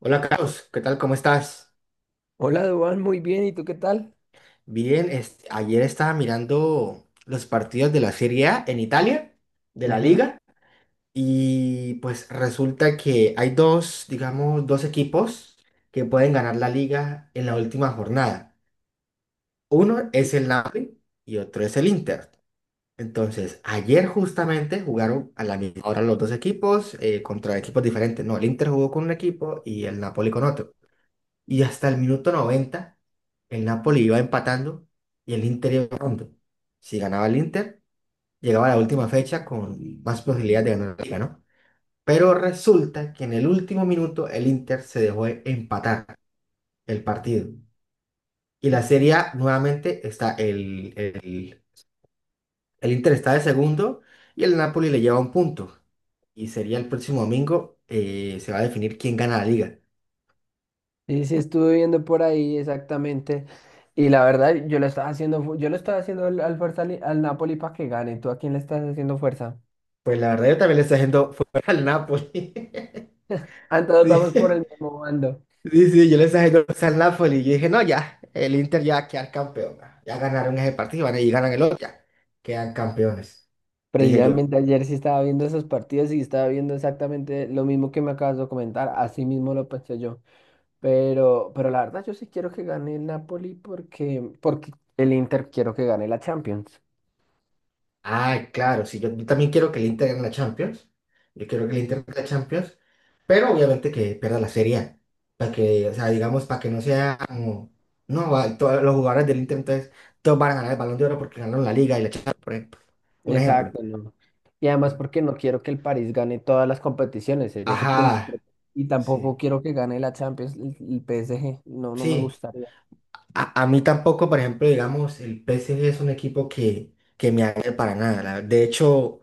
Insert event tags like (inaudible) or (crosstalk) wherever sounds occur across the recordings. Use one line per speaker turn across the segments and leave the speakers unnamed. Hola Carlos, ¿qué tal? ¿Cómo estás?
Hola, Dubán, muy bien, ¿y tú qué tal?
Bien, ayer estaba mirando los partidos de la Serie A en Italia, de la
Ujú.
Liga, y pues resulta que hay dos, digamos, dos equipos que pueden ganar la Liga en la última jornada. Uno es el Napoli y otro es el Inter. Entonces, ayer justamente jugaron a la misma hora los dos equipos contra equipos diferentes. No, el Inter jugó con un equipo y el Napoli con otro. Y hasta el minuto 90 el Napoli iba empatando y el Inter iba ganando. Si ganaba el Inter, llegaba a la última fecha con más posibilidades de ganar la liga, ¿no? Pero resulta que en el último minuto el Inter se dejó empatar el partido. Y la Serie A nuevamente está el Inter está de segundo y el Napoli le lleva un punto. Y sería el próximo domingo, se va a definir quién gana la liga.
Sí, sí, estuve viendo por ahí exactamente. Y la verdad, yo le estaba haciendo al Napoli para que gane. ¿Tú a quién le estás haciendo fuerza?
Pues la verdad yo también le estoy haciendo fuera al Napoli.
Ah, entonces
(laughs)
vamos por el
Sí.
mismo bando.
Sí, sí, yo les dije diciendo al Napoli y yo dije, no, ya, el Inter ya va a quedar campeón. Ya ganaron ese partido y ganan el otro, ya quedan campeones. Dije yo,
Precisamente ayer sí estaba viendo esos partidos y estaba viendo exactamente lo mismo que me acabas de comentar. Así mismo lo pensé yo. Pero la verdad, yo sí quiero que gane el Napoli porque el Inter quiero que gane la Champions.
ay, claro, sí, yo también quiero que el Inter gane la Champions. Yo quiero que el Inter gane la Champions, pero obviamente que pierda la Serie A. Para que, o sea, digamos, para que no sea como, no, todos los jugadores del Inter, entonces, todos van a ganar el Balón de Oro porque ganaron la Liga y la Champions, por ejemplo. Un ejemplo.
Exacto, no. Y además
¿No?
porque no quiero que el París gane todas las competiciones, sería su primer pro-
Ajá,
Y tampoco
sí,
quiero que gane la Champions, el PSG, no, no me
sí.
gustaría.
A mí tampoco, por ejemplo, digamos, el P PSG es un equipo que me agrada para nada. De hecho,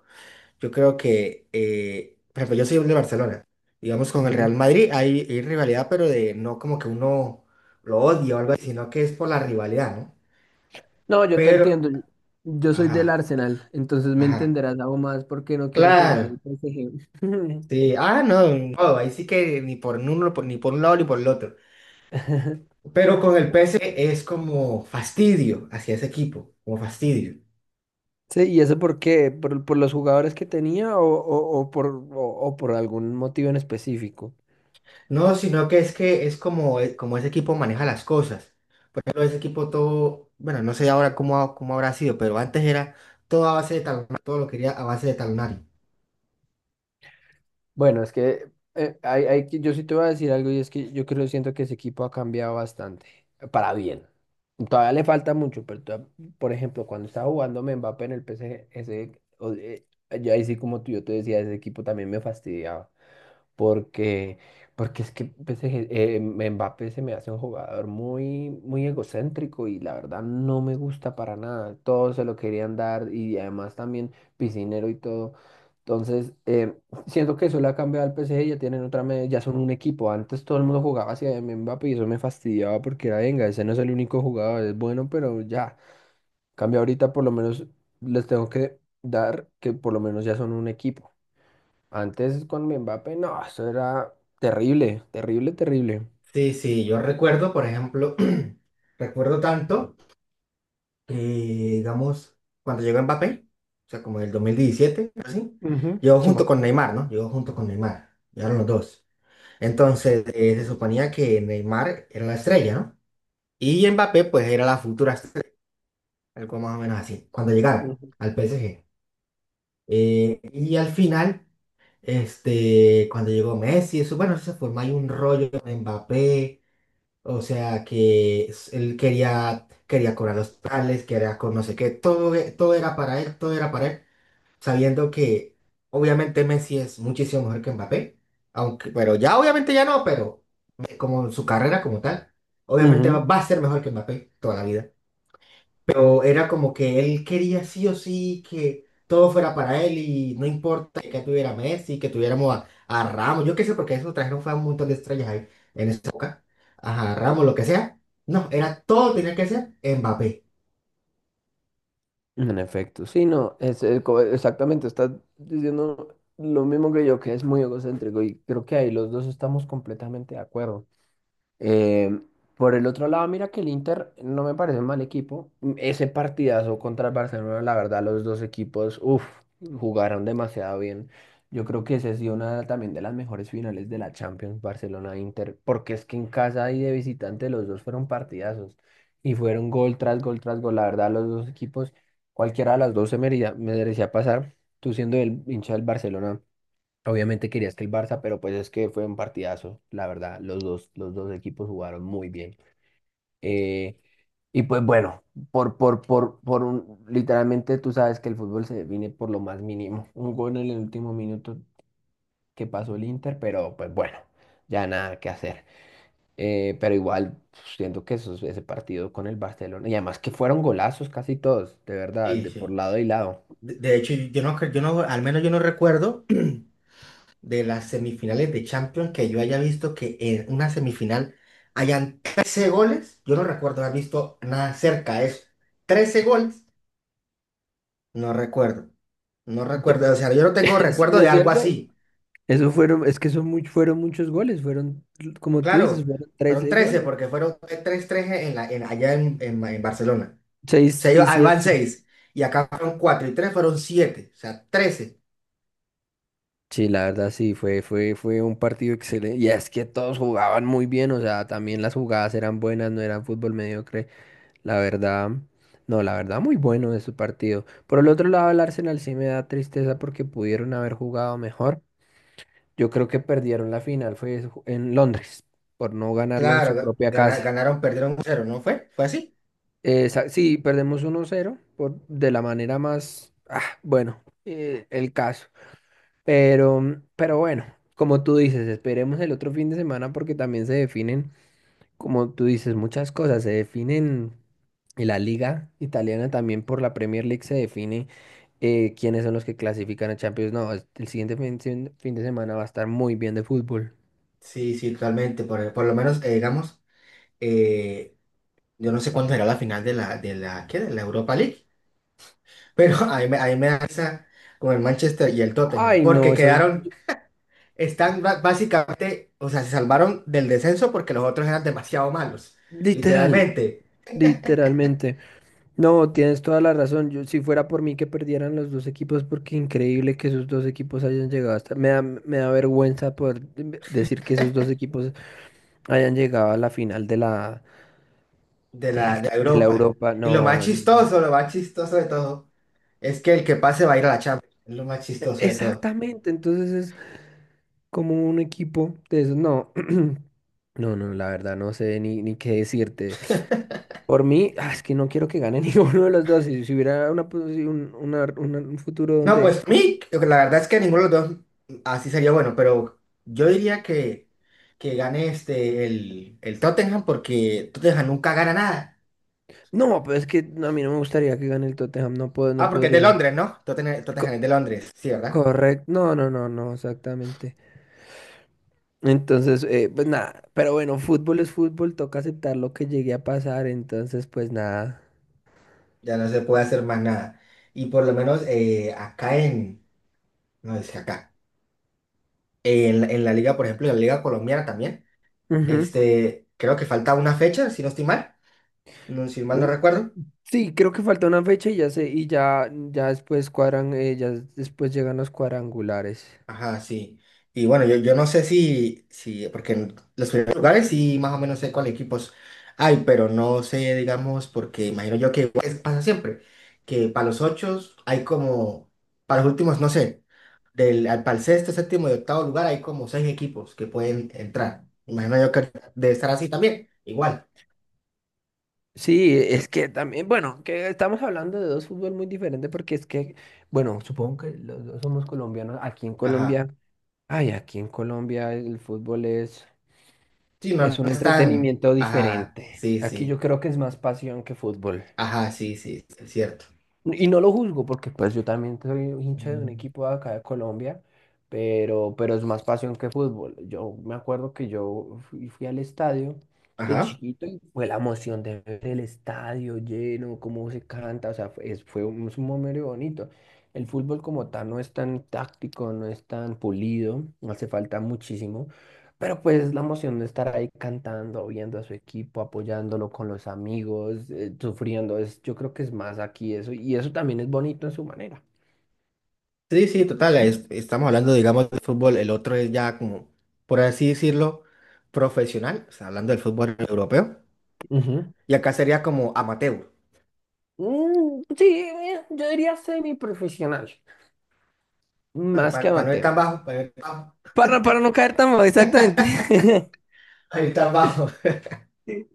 yo creo que, por ejemplo, yo soy de Barcelona. Digamos, con el
Ujú.
Real Madrid hay rivalidad, pero de no como que uno lo odia o algo así, sino que es por la rivalidad, ¿no?
No, yo te
Pero,
entiendo, yo soy del
ajá,
Arsenal, entonces me
ajá,
entenderás algo más porque no quiero que gane el
claro.
PSG.
Sí, ah, no, no, ahí sí que ni por uno, ni por un lado ni por el otro.
(laughs) (laughs)
Pero con el P PSG es como fastidio hacia ese equipo, como fastidio.
Sí, ¿y eso por qué? ¿Por los jugadores que tenía o por algún motivo en específico?
No, sino que es como, como ese equipo maneja las cosas. Pero ese equipo todo, bueno, no sé ahora cómo, cómo habrá sido, pero antes era todo a base de talonario, todo lo quería a base de talonario.
Bueno, es que hay yo sí te voy a decir algo y es que yo creo, siento que ese equipo ha cambiado bastante, para bien. Todavía le falta mucho, pero por ejemplo, cuando estaba jugando Mbappé en el PSG, ese, o- eh, yo ahí sí como tú, yo te decía, ese equipo también me fastidiaba porque, porque es que PSG, Mbappé se me hace un jugador muy, muy egocéntrico y la verdad no me gusta para nada. Todos se lo querían dar y además también piscinero y todo. Entonces, (laughs) siento que eso le ha cambiado al PSG, ya tienen otra, ya son un equipo. Antes todo el mundo jugaba hacia Mbappé y eso me fastidiaba porque era, venga, ese no es el único jugador, es bueno, pero ya. Cambia ahorita por lo menos les tengo que dar que por lo menos ya son un equipo. Antes con Mbappé, no, eso era terrible, terrible, terrible.
Sí, sí, yo recuerdo, por ejemplo, (clears throat) recuerdo tanto que, digamos, cuando llegó Mbappé, o sea, como en el 2017 así,
Ujú,
llegó
sí, más
junto
o
con
menos.
Neymar, ¿no? Llegó junto con Neymar, llegaron los dos. Entonces, se suponía que Neymar era la estrella, ¿no? Y Mbappé, pues, era la futura estrella. Algo más o menos así. Cuando llegara
Ujú.
al PSG. Y al final, cuando llegó Messi, eso, bueno, se formó ahí un rollo con Mbappé. O sea que él quería cobrar los tales, quería con no sé qué. Todo era para él, todo era para él. Sabiendo que obviamente Messi es muchísimo mejor que Mbappé. Aunque, pero ya obviamente ya no, pero como su carrera como tal, obviamente va,
Ujú,
va a ser mejor que Mbappé toda la vida. Pero era como que él quería sí o sí que todo fuera para él y no importa que tuviera Messi, que tuviéramos a Ramos, yo qué sé, porque eso trajeron fue a un montón de estrellas ahí en esa época, a Ramos, lo que sea. No, era todo tenía que ser Mbappé.
en efecto, sí, no, exactamente, estás diciendo lo mismo que yo, que es muy egocéntrico y creo que ahí los dos estamos completamente de acuerdo. Eh, por el otro lado, mira que el Inter no me parece un mal equipo. Ese partidazo contra el Barcelona, la verdad, los dos equipos, uff, jugaron demasiado bien. Yo creo que esa ha sido una también de las mejores finales de la Champions, Barcelona-Inter, porque es que en casa y de visitante los dos fueron partidazos y fueron gol tras gol tras gol. La verdad, los dos equipos, cualquiera de las dos se merecía pasar. Tú siendo el hincha del Barcelona. Obviamente querías que el Barça, pero pues es que fue un partidazo, la verdad. Los dos equipos jugaron muy bien. Eh, y pues bueno, literalmente tú sabes que el fútbol se define por lo más mínimo. (laughs) Un gol en el último minuto que pasó el Inter, pero pues bueno, ya nada que hacer. Pero igual siento que ese partido con el Barcelona, y además que fueron golazos casi todos, de verdad,
Sí,
de por
sí.
lado y lado.
De hecho, yo no, al menos yo no recuerdo (clears throat) de las semifinales de Champions que yo haya visto que en una semifinal hayan 13 goles. Yo no recuerdo haber visto nada cerca de eso. 13 goles. No recuerdo. No
Sí,
recuerdo. O sea, yo no tengo
(laughs)
recuerdo
¿no
de
es
algo
cierto?
así.
Eso
Bueno,
fueron, es que fueron muchos goles, fueron, como tú dices,
claro,
fueron
fueron
13
13
goles.
porque fueron 3-3 en la, en, allá en, en Barcelona. O
Seis
sea, yo,
y
ahí van
siete.
6 y acá fueron 4 y 3 fueron siete. O sea, 13.
Sí, la verdad sí, fue un partido excelente. Y es que todos jugaban muy bien, o sea, también las jugadas eran buenas, no era fútbol mediocre. La verdad, no, la verdad muy bueno de su partido. Por el otro lado, el Arsenal sí me da tristeza porque pudieron haber jugado mejor. Yo creo que perdieron la final, fue en Londres, por no ganarlo en
Claro,
su propia casa.
ganaron, perdieron 0, ¿no fue? ¿Fue así?
Sí, perdemos uno cero por, de la manera más, ah, bueno, el caso. Pero bueno, como tú dices, esperemos el otro fin de semana porque también se definen, como tú dices, muchas cosas. Se definen en la liga italiana también. Por la Premier League se define quiénes son los que clasifican a Champions. No, el siguiente fin de semana va a estar muy bien de fútbol.
Sí, sí, realmente. Por lo menos, digamos, eh, yo no sé cuándo será la final de la, ¿qué? De la Europa League. Pero (laughs) ahí me da risa con el Manchester y el Tottenham
Ay,
porque
no, eso es
quedaron. Están básicamente, o sea, se salvaron del descenso porque los otros eran demasiado malos,
literal,
literalmente,
literalmente. No, tienes toda la razón. Yo, si fuera por mí que perdieran los dos equipos, porque increíble que esos dos equipos hayan llegado hasta... Me da vergüenza poder decir que esos dos equipos hayan llegado a la final de la,
de
de
la,
la,
de
de la
Europa.
Europa.
Y
No,
lo más chistoso de todo, es que el que pase va a ir a la Champions. Es lo más chistoso de todo.
exactamente. Entonces es como un equipo de esos. No, (clears throat) no, no, la verdad no sé ni qué decirte. Por mí, ah, es que no quiero que gane (laughs) ninguno de los dos. Si hubiera una, posi- un, una- un futuro
No,
donde...
pues a mí, la verdad es que ninguno de los dos así sería bueno, pero yo diría que gane el Tottenham porque Tottenham nunca gana nada.
No, pero es que no, a mí no me gustaría que gane el Tottenham, no puedo,
Ah,
no
porque es de
podría.
Londres, ¿no? Tottenham, Tottenham
Co-
es de Londres, sí, ¿verdad?
correcto, no, no, no, no, exactamente. Entonces, pues nada, pero bueno, fútbol es fútbol, toca aceptar lo que llegue a pasar, entonces pues nada.
Ya no se puede hacer más nada. Y por lo menos acá en, no es que acá, en, la liga, por ejemplo, en la liga colombiana también,
Ujú.
creo que falta una fecha, si no estoy mal, no, si mal no
Uh,
recuerdo.
Sí creo que falta una fecha y ya sé, y ya, ya después cuadran, ya después llegan los cuadrangulares.
Ajá, sí. Y bueno, yo no sé si, porque en los primeros lugares sí más o menos sé cuáles equipos hay, pero no sé, digamos, porque imagino yo que igual pasa siempre, que para los ocho hay como, para los últimos, no sé, para el sexto, séptimo y octavo lugar hay como seis equipos que pueden entrar. Imagino yo que debe estar así también, igual.
Sí, es que también, bueno, que estamos hablando de dos fútbol muy diferentes porque es que, bueno, supongo que los dos somos colombianos, aquí en
Ajá.
Colombia. Ay, aquí en Colombia el fútbol es,
Sí, no,
es
no
un
están.
entretenimiento
Ajá,
diferente.
sí,
Aquí yo
sí.
creo que es más pasión que fútbol.
Ajá, sí, sí, es cierto.
Y no lo juzgo porque pues yo también soy hincha de un
Mm.
equipo de acá de Colombia, pero es más pasión que fútbol. Yo me acuerdo que yo fui al estadio de
Ajá.
chiquito y fue la emoción de ver el estadio lleno, cómo se canta, o sea, fue, es un momento bonito. El fútbol como tal no es tan táctico, no es tan pulido, hace falta muchísimo. Pero pues la emoción de estar ahí cantando, viendo a su equipo, apoyándolo con los amigos, sufriendo, es, yo creo que es más aquí eso, y eso también es bonito en su manera.
Sí, sí, total, estamos hablando, digamos, de fútbol, el otro es ya como, por así decirlo, profesional, o sea, hablando del fútbol europeo,
Ujú.
y acá sería como amateur.
Sí, yo diría semiprofesional,
Bueno,
más que
para no ir
amateur.
tan bajo, para no ir tan, bajo,
Para no caer tan mal, exactamente. (laughs)
(laughs) para no ir tan bajo. (laughs)
Sí.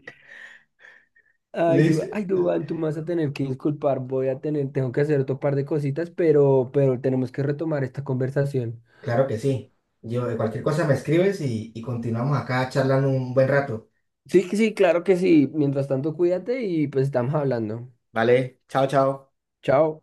Ay,
Listo.
Duan, ay, Duván, tú me vas a tener que disculpar, tengo que hacer otro par de cositas, pero tenemos que retomar esta conversación.
Claro que sí. Yo, de cualquier cosa me escribes y continuamos acá charlando un buen rato.
Sí, sí, claro que sí. Mientras tanto, cuídate y pues estamos hablando.
Vale, chao, chao.
Chao.